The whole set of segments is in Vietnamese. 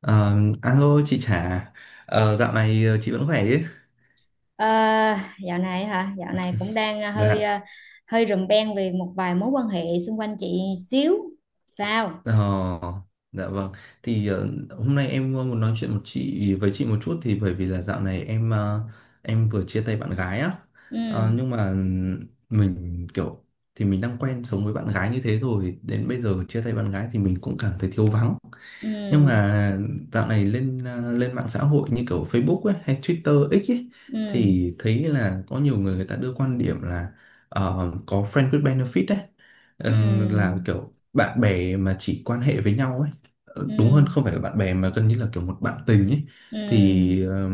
Ờ, Alo chị Trà. Dạo này chị vẫn khỏe chứ? Ờ, dạo này hả? Dạo này cũng đang hơi Dạ. Hơi rùm beng về một vài mối quan hệ xung quanh chị xíu. Sao? ờ, dạ vâng, thì hôm nay em muốn nói chuyện một chị với chị một chút, thì bởi vì là dạo này em vừa chia tay bạn gái á. Ừ, Nhưng mà mình kiểu, thì mình đang quen sống với bạn gái như thế, rồi đến bây giờ chia tay bạn gái thì mình cũng cảm thấy thiếu vắng. Nhưng ừ, mà dạo này lên mạng xã hội như kiểu Facebook ấy, hay Twitter X ấy, ừ, thì thấy là có nhiều người người ta đưa quan điểm là có friend with benefit ấy. Là ừ, kiểu bạn bè mà chỉ quan hệ với nhau ấy. Đúng hơn ừ, không phải là bạn bè mà gần như là kiểu một bạn tình ấy. ừ, Thì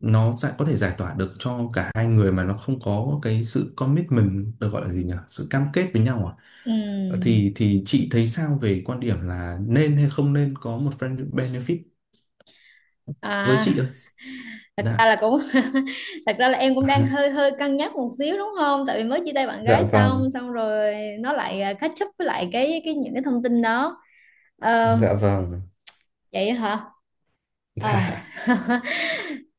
nó sẽ có thể giải tỏa được cho cả hai người mà nó không có cái sự commitment, được gọi là gì nhỉ, sự cam kết với nhau à. ừ. Thì chị thấy sao về quan điểm là nên hay không nên có một friend benefit, với À, chị ơi? thật Dạ. ra là cũng thật ra là em cũng đang hơi hơi cân nhắc một xíu đúng không? Tại vì mới chia tay bạn Dạ gái vâng. xong xong rồi nó lại catch up với lại cái những cái thông tin đó. Ờ, Dạ vâng. vậy hả? Ờ. Dạ.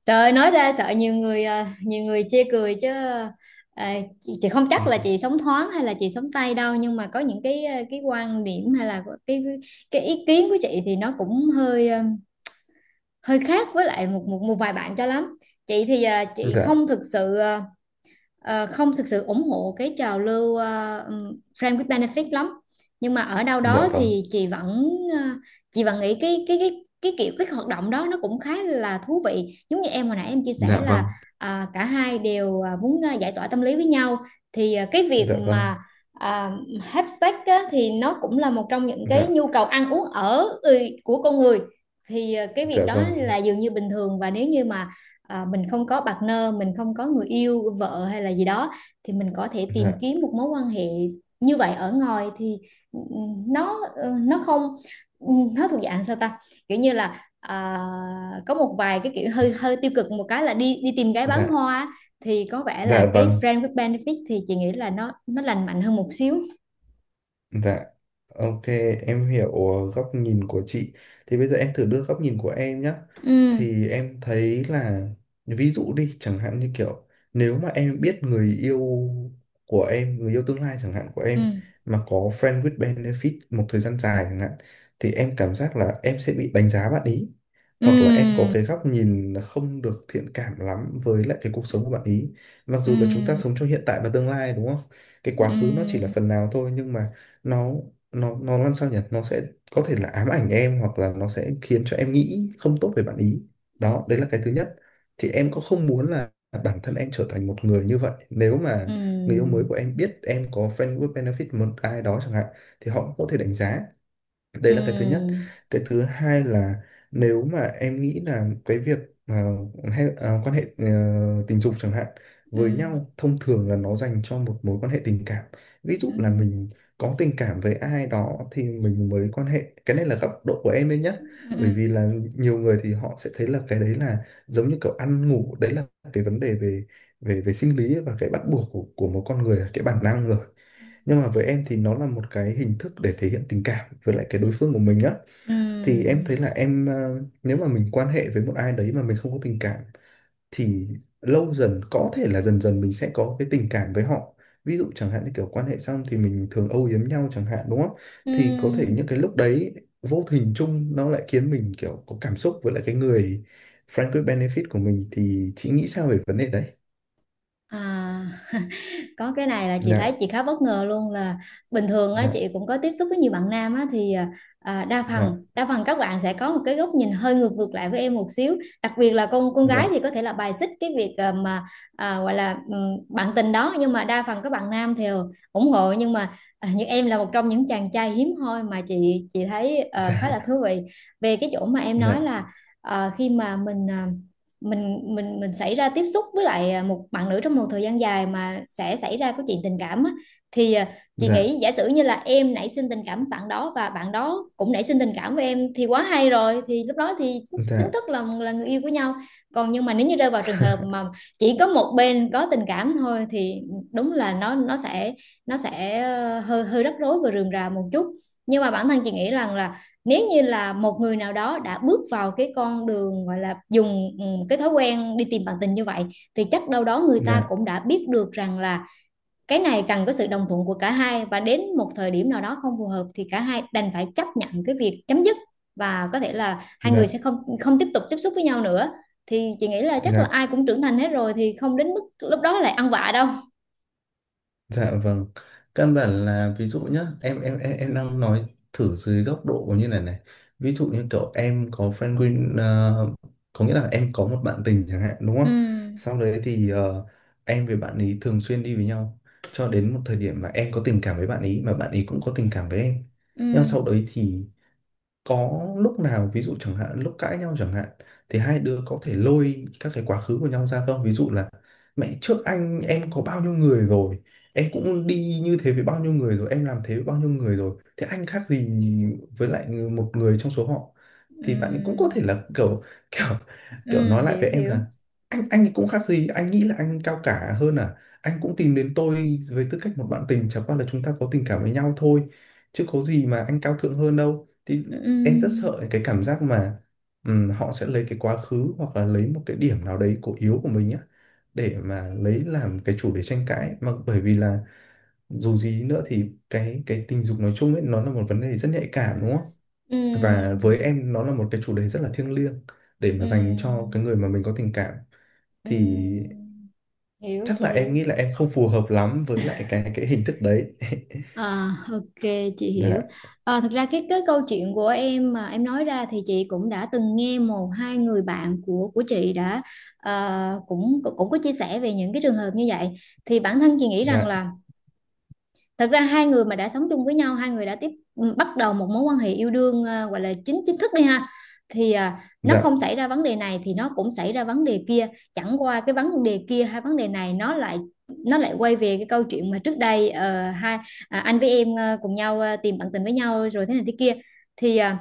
Trời ơi, nói ra sợ nhiều người chê cười chứ ờ, chị không Ừ. chắc là chị sống thoáng hay là chị sống tay đâu nhưng mà có những cái quan điểm hay là cái ý kiến của chị thì nó cũng hơi khác với lại một một một vài bạn cho lắm. Chị thì chị Dạ. không thực sự ủng hộ cái trào lưu friend with benefit lắm nhưng mà ở đâu Dạ đó vâng. thì chị vẫn nghĩ cái kiểu cái hoạt động đó nó cũng khá là thú vị giống như em hồi nãy em chia sẻ Dạ vâng. là cả hai đều muốn giải tỏa tâm lý với nhau thì cái việc Dạ vâng. mà à, have sex á, thì nó cũng là một trong những cái Dạ. nhu cầu ăn uống ở của con người thì cái việc Dạ đó vâng. là dường như bình thường và nếu như mà mình không có partner mình không có người yêu vợ hay là gì đó thì mình có thể tìm Dạ. kiếm một mối quan hệ như vậy ở ngoài thì ừ, nó nó không ừ, nó thuộc dạng sao ta kiểu như là có một vài cái kiểu hơi hơi tiêu cực một cái là đi đi tìm gái bán Dạ. hoa thì có vẻ là Dạ cái vâng. friend with benefit thì chị nghĩ là nó lành mạnh hơn một xíu. Dạ, ok, em hiểu góc nhìn của chị. Thì bây giờ em thử đưa góc nhìn của em nhé. Ừ, Thì em thấy là, ví dụ đi, chẳng hạn như kiểu, nếu mà em biết người yêu của em, người yêu tương lai chẳng hạn của ừ, em, mà có friend with benefit một thời gian dài chẳng hạn, thì em cảm giác là em sẽ bị đánh giá bạn ý. Hoặc là em có ừ, cái góc nhìn không được thiện cảm lắm với lại cái cuộc sống của bạn ý. Mặc ừ, dù là chúng ta sống cho hiện tại và tương lai, đúng không? Cái quá khứ nó chỉ là ừ, phần nào thôi, nhưng mà nó nó làm sao nhỉ, nó sẽ có thể là ám ảnh em hoặc là nó sẽ khiến cho em nghĩ không tốt về bạn ý. Đó, đấy là cái thứ nhất. Thì em có không muốn là bản thân em trở thành một người như vậy, nếu ừ, mà người yêu mới ừ, của em biết em có friend with benefit một ai đó chẳng hạn thì họ cũng có thể đánh giá. Đấy là cái thứ nhất. ừ, Cái thứ hai là, nếu mà em nghĩ là cái việc ờ, hay, quan hệ tình dục chẳng hạn ừ, với nhau, thông thường là nó dành cho một mối quan hệ tình cảm. Ví ừ. dụ là mình có tình cảm với ai đó thì mình mới quan hệ, cái này là góc độ của em đấy nhé. Bởi Ừm, vì là nhiều người thì họ sẽ thấy là cái đấy là giống như kiểu ăn ngủ đấy, là cái vấn đề về về về sinh lý và cái bắt buộc của một con người, cái bản năng rồi. Nhưng mà với em thì nó là một cái hình thức để thể hiện tình cảm với lại cái đối phương của mình á. Thì em ừm, thấy là em, nếu mà mình quan hệ với một ai đấy mà mình không có tình cảm, thì lâu dần có thể là dần dần mình sẽ có cái tình cảm với họ. Ví dụ chẳng hạn như kiểu quan hệ xong thì mình thường âu yếm nhau chẳng hạn, đúng không? Thì có thể ừm. những cái lúc đấy vô hình chung nó lại khiến mình kiểu có cảm xúc với lại cái người friend with benefit của mình, thì chị nghĩ sao về vấn đề đấy? À, có cái này là chị thấy Dạ. chị khá bất ngờ luôn là bình thường á Dạ. chị cũng có tiếp xúc với nhiều bạn nam á thì đa Dạ. phần đa phần các bạn sẽ có một cái góc nhìn hơi ngược ngược lại với em một xíu đặc biệt là con gái thì Dạ. có thể là bài xích cái việc mà gọi là bạn tình đó nhưng mà đa phần các bạn nam thì ủng hộ nhưng mà như em là một trong những chàng trai hiếm hoi mà chị thấy khá là Dạ. thú vị về cái chỗ mà em nói Dạ. là khi mà mình à, mình mình xảy ra tiếp xúc với lại một bạn nữ trong một thời gian dài mà sẽ xảy ra cái chuyện tình cảm á, thì chị Dạ. nghĩ giả sử như là em nảy sinh tình cảm với bạn đó và bạn đó cũng nảy sinh tình cảm với em thì quá hay rồi thì lúc đó thì Dạ. chính Dạ. thức là người yêu của nhau còn nhưng mà nếu như rơi vào trường hợp mà chỉ có một bên có tình cảm thôi thì đúng là nó sẽ hơi hơi rắc rối và rườm rà một chút nhưng mà bản thân chị nghĩ rằng là nếu như là một người nào đó đã bước vào cái con đường gọi là dùng cái thói quen đi tìm bạn tình như vậy thì chắc đâu đó người ta Dạ. cũng đã biết được rằng là cái này cần có sự đồng thuận của cả hai và đến một thời điểm nào đó không phù hợp thì cả hai đành phải chấp nhận cái việc chấm dứt và có thể là hai người Dạ. sẽ không không tiếp tục tiếp xúc với nhau nữa thì chị nghĩ là chắc là Dạ. ai cũng trưởng thành hết rồi thì không đến mức lúc đó lại ăn vạ đâu. Dạ vâng. Căn bản là ví dụ nhá, em đang nói thử dưới góc độ như này này. Ví dụ như kiểu em có friend win ờ, có nghĩa là em có một bạn tình chẳng hạn, đúng không? Ừ, Sau đấy thì em với bạn ấy thường xuyên đi với nhau, cho đến một thời điểm mà em có tình cảm với bạn ấy mà bạn ấy cũng có tình cảm với em. ừ, Nhưng mà sau đấy thì có lúc nào ví dụ chẳng hạn lúc cãi nhau chẳng hạn, thì hai đứa có thể lôi các cái quá khứ của nhau ra không, ví dụ là mẹ trước anh em có bao nhiêu người rồi, em cũng đi như thế với bao nhiêu người rồi, em làm thế với bao nhiêu người rồi, thế anh khác gì với lại một người trong số họ? Thì bạn ấy cũng ừ, có thể là kiểu kiểu kiểu ừ, nói lại hiểu, với em hiểu, là, anh ấy cũng khác gì, anh nghĩ là anh cao cả hơn à? Anh cũng tìm đến tôi với tư cách một bạn tình, chẳng qua là chúng ta có tình cảm với nhau thôi, chứ có gì mà anh cao thượng hơn đâu. Thì em rất ừ, sợ cái cảm giác mà họ sẽ lấy cái quá khứ hoặc là lấy một cái điểm nào đấy cổ yếu của mình á, để mà lấy làm cái chủ đề tranh cãi. Mà bởi vì là dù gì nữa thì cái tình dục nói chung ấy, nó là một vấn đề rất nhạy cảm, đúng không? ừ. Và với em nó là một cái chủ đề rất là thiêng liêng để mà dành cho cái Ừm, người mà mình có tình cảm. Thì ừm, hiểu, chắc chị là hiểu. em nghĩ là em không phù hợp lắm với lại cái hình thức đấy. À, ok, chị hiểu. Dạ. Thật ra cái câu chuyện của em mà em nói ra thì chị cũng đã từng nghe một hai người bạn của chị đã cũng cũng cũng có chia sẻ về những cái trường hợp như vậy thì bản thân chị nghĩ rằng Dạ. là thật ra hai người mà đã sống chung với nhau hai người đã bắt đầu một mối quan hệ yêu đương gọi là chính chính thức đi ha thì nó Dạ. không xảy ra vấn đề này thì nó cũng xảy ra vấn đề kia chẳng qua cái vấn đề kia hay vấn đề này nó lại quay về cái câu chuyện mà trước đây hai anh với em cùng nhau tìm bạn tình với nhau rồi thế này thế kia thì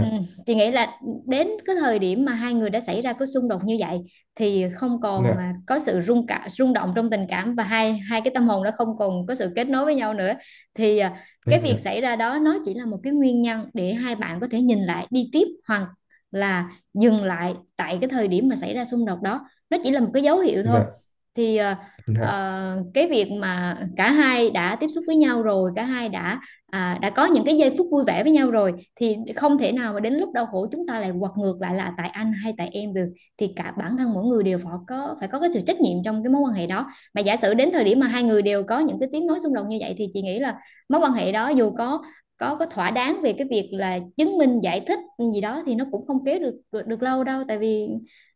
ừ, chị nghĩ là đến cái thời điểm mà hai người đã xảy ra cái xung đột như vậy thì không còn Dạ. Có sự rung động trong tình cảm và hai hai cái tâm hồn đó không còn có sự kết nối với nhau nữa thì cái Em hiểu. việc xảy ra đó nó chỉ là một cái nguyên nhân để hai bạn có thể nhìn lại đi tiếp hoặc là dừng lại tại cái thời điểm mà xảy ra xung đột đó nó chỉ là một cái dấu hiệu thôi Dạ. thì Dạ. Cái việc mà cả hai đã tiếp xúc với nhau rồi cả hai đã có những cái giây phút vui vẻ với nhau rồi thì không thể nào mà đến lúc đau khổ chúng ta lại quật ngược lại là tại anh hay tại em được thì cả bản thân mỗi người đều phải có cái sự trách nhiệm trong cái mối quan hệ đó mà giả sử đến thời điểm mà hai người đều có những cái tiếng nói xung đột như vậy thì chị nghĩ là mối quan hệ đó dù có thỏa đáng về cái việc là chứng minh giải thích gì đó thì nó cũng không kéo được được, được lâu đâu tại vì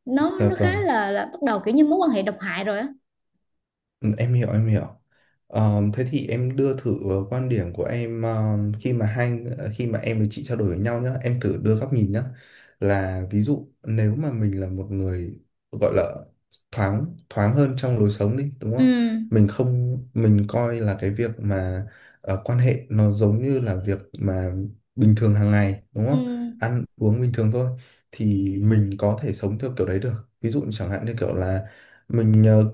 nó Dạ nó khá vâng. là bắt đầu kiểu như mối quan hệ độc hại rồi á. Ừ, em hiểu, em hiểu. Thế thì em đưa thử quan điểm của em, khi mà em với chị trao đổi với nhau nhá, em thử đưa góc nhìn nhá. Là ví dụ nếu mà mình là một người gọi là thoáng, thoáng hơn trong lối sống đi, đúng không? Ừ, Mình không, mình coi là cái việc mà quan hệ nó giống như là việc mà bình thường hàng ngày, đúng ừ, không? Ăn uống bình thường thôi, thì mình có thể sống theo kiểu đấy được. Ví dụ chẳng hạn như kiểu là mình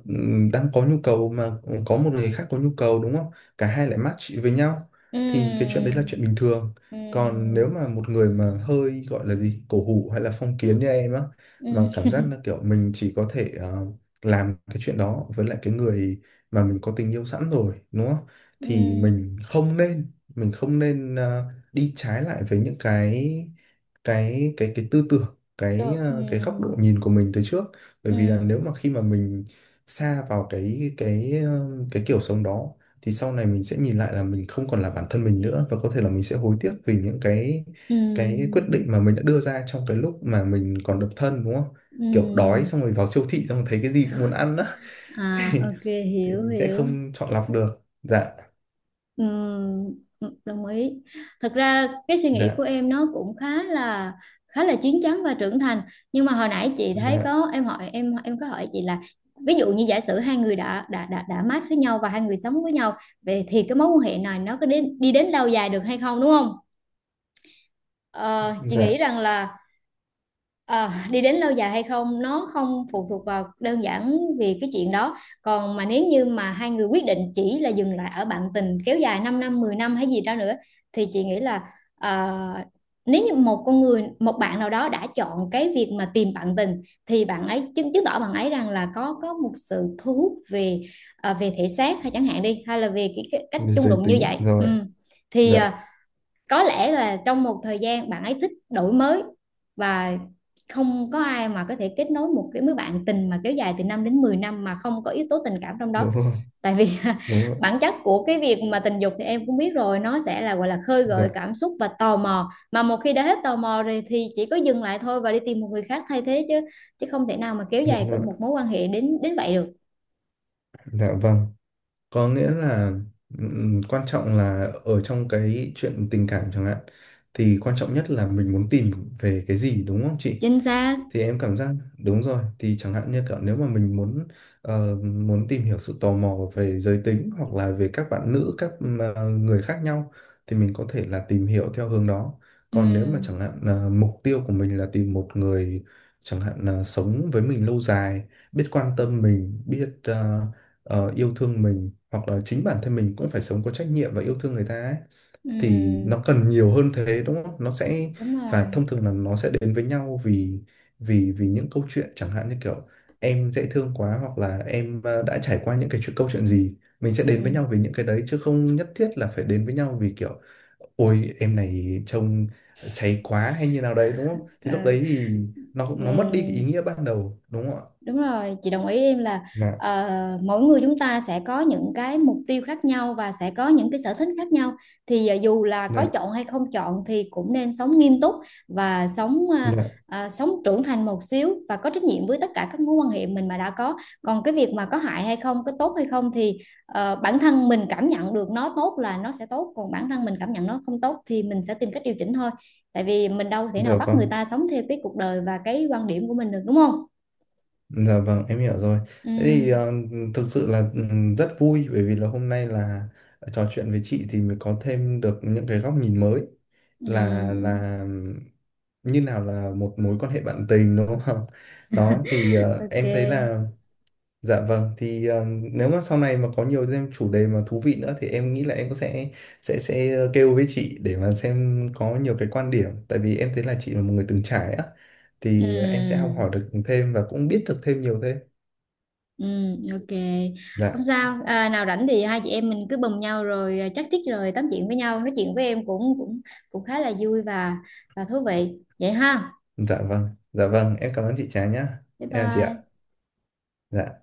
đang có nhu cầu, mà có một người khác có nhu cầu, đúng không, cả hai lại match với nhau, thì cái chuyện ừ, đấy là chuyện bình thường. Còn ừ, nếu mà một người mà hơi gọi là gì, cổ hủ hay là phong kiến như em á, mà ừ, cảm giác là kiểu mình chỉ có thể làm cái chuyện đó với lại cái người mà mình có tình yêu sẵn rồi, đúng không, ừ, thì mình không nên đi trái lại với những cái tư tưởng, cái được, ừ, ờ, cái góc độ nhìn của mình từ trước. Bởi ừ, vì là nếu mà khi mà mình sa vào cái kiểu sống đó, thì sau này mình sẽ nhìn lại là mình không còn là bản thân mình nữa, và có thể là mình sẽ hối tiếc vì những cái quyết ừ, định mà mình đã đưa ra trong cái lúc mà mình còn độc thân, đúng không? Kiểu đói ừ, xong rồi vào siêu thị xong rồi thấy cái gì cũng muốn ăn á. thì à, ok, thì hiểu, mình sẽ hiểu. không chọn lọc được. Dạ. Ừm, đồng ý. Thật ra cái suy nghĩ của Dạ. em nó cũng khá là chín chắn và trưởng thành. Nhưng mà hồi nãy chị thấy Dạ. có em hỏi em có hỏi chị là ví dụ như giả sử hai người đã mát với nhau và hai người sống với nhau vậy thì cái mối quan hệ này nó có đến đi đến lâu dài được hay không đúng không? Ờ, chị nghĩ Dạ. rằng là ờ, đi đến lâu dài hay không nó không phụ thuộc vào đơn giản vì cái chuyện đó còn mà nếu như mà hai người quyết định chỉ là dừng lại ở bạn tình kéo dài 5 năm 10 năm hay gì đó nữa thì chị nghĩ là nếu như một con người một bạn nào đó đã chọn cái việc mà tìm bạn tình thì bạn ấy chứng chứng tỏ bạn ấy rằng là có một sự thu hút về về thể xác hay chẳng hạn đi hay là về cái cách Về chung giới đụng như tính vậy rồi. ừ. Thì Dạ. Có lẽ là trong một thời gian bạn ấy thích đổi mới và không có ai mà có thể kết nối một cái mối bạn tình mà kéo dài từ 5 đến 10 năm mà không có yếu tố tình cảm trong đó Đúng rồi, tại vì đúng rồi. bản chất của cái việc mà tình dục thì em cũng biết rồi nó sẽ là gọi là khơi Dạ, gợi cảm xúc và tò mò mà một khi đã hết tò mò rồi thì chỉ có dừng lại thôi và đi tìm một người khác thay thế chứ chứ không thể nào mà kéo đúng dài rồi. một mối quan hệ đến đến vậy được. Dạ vâng. Có nghĩa là, quan trọng là ở trong cái chuyện tình cảm chẳng hạn, thì quan trọng nhất là mình muốn tìm về cái gì, đúng không chị? Chính xác. Thì em cảm giác, đúng rồi, thì chẳng hạn như kiểu nếu mà mình muốn tìm hiểu sự tò mò về giới tính hoặc là về các bạn nữ, người khác nhau, thì mình có thể là tìm hiểu theo hướng đó. Ừ, Còn nếu mà chẳng hạn là mục tiêu của mình là tìm một người chẳng hạn là sống với mình lâu dài, biết quan tâm mình, biết yêu thương mình, hoặc là chính bản thân mình cũng phải sống có trách nhiệm và yêu thương người ta ấy, thì ừ, nó cần nhiều hơn thế, đúng không? Nó sẽ đúng Và rồi, thông thường là nó sẽ đến với nhau vì, vì những câu chuyện chẳng hạn như kiểu em dễ thương quá, hoặc là em đã trải qua những cái chuyện câu chuyện gì, mình sẽ đến với ừ, nhau vì những cái đấy chứ không nhất thiết là phải đến với nhau vì kiểu, ôi em này trông cháy quá hay như nào đấy, đúng không? Thì lúc ờ, đấy thì nó mất đi cái ý ừ. nghĩa ban đầu, đúng không ạ? Đúng rồi, chị đồng ý em là Dạ. Mỗi người chúng ta sẽ có những cái mục tiêu khác nhau và sẽ có những cái sở thích khác nhau. Thì dù là có Dạ. chọn hay không chọn thì cũng nên sống nghiêm túc và sống ờ, Dạ. ờ, sống trưởng thành một xíu và có trách nhiệm với tất cả các mối quan hệ mình mà đã có. Còn cái việc mà có hại hay không, có tốt hay không thì bản thân mình cảm nhận được nó tốt là nó sẽ tốt, còn bản thân mình cảm nhận nó không tốt thì mình sẽ tìm cách điều chỉnh thôi. Tại vì mình đâu thể nào Được bắt không? người ta sống theo cái cuộc đời và cái quan điểm của mình được đúng không? Dạ vâng, em hiểu rồi. Ừ. Thế thì thực sự là rất vui bởi vì là hôm nay là trò chuyện với chị thì mới có thêm được những cái góc nhìn mới, là Ừm, là như nào là một mối quan hệ bạn tình, đúng không? Đó thì em thấy ok. là, dạ vâng, thì nếu mà sau này mà có nhiều thêm chủ đề mà thú vị nữa thì em nghĩ là em cũng sẽ kêu với chị để mà xem có nhiều cái quan điểm, tại vì em thấy là chị là một người từng trải á, thì em sẽ học hỏi Ừm, được thêm và cũng biết được thêm nhiều thêm. Ok. Không Dạ, sao, nào rảnh thì hai chị em mình cứ bầm nhau rồi chắc chích rồi tám chuyện với nhau nói chuyện với em cũng cũng cũng khá là vui và thú vị vậy ha dạ vâng, dạ vâng, em cảm ơn chị Trà nhá. bye Em chào chị ạ. bye Dạ.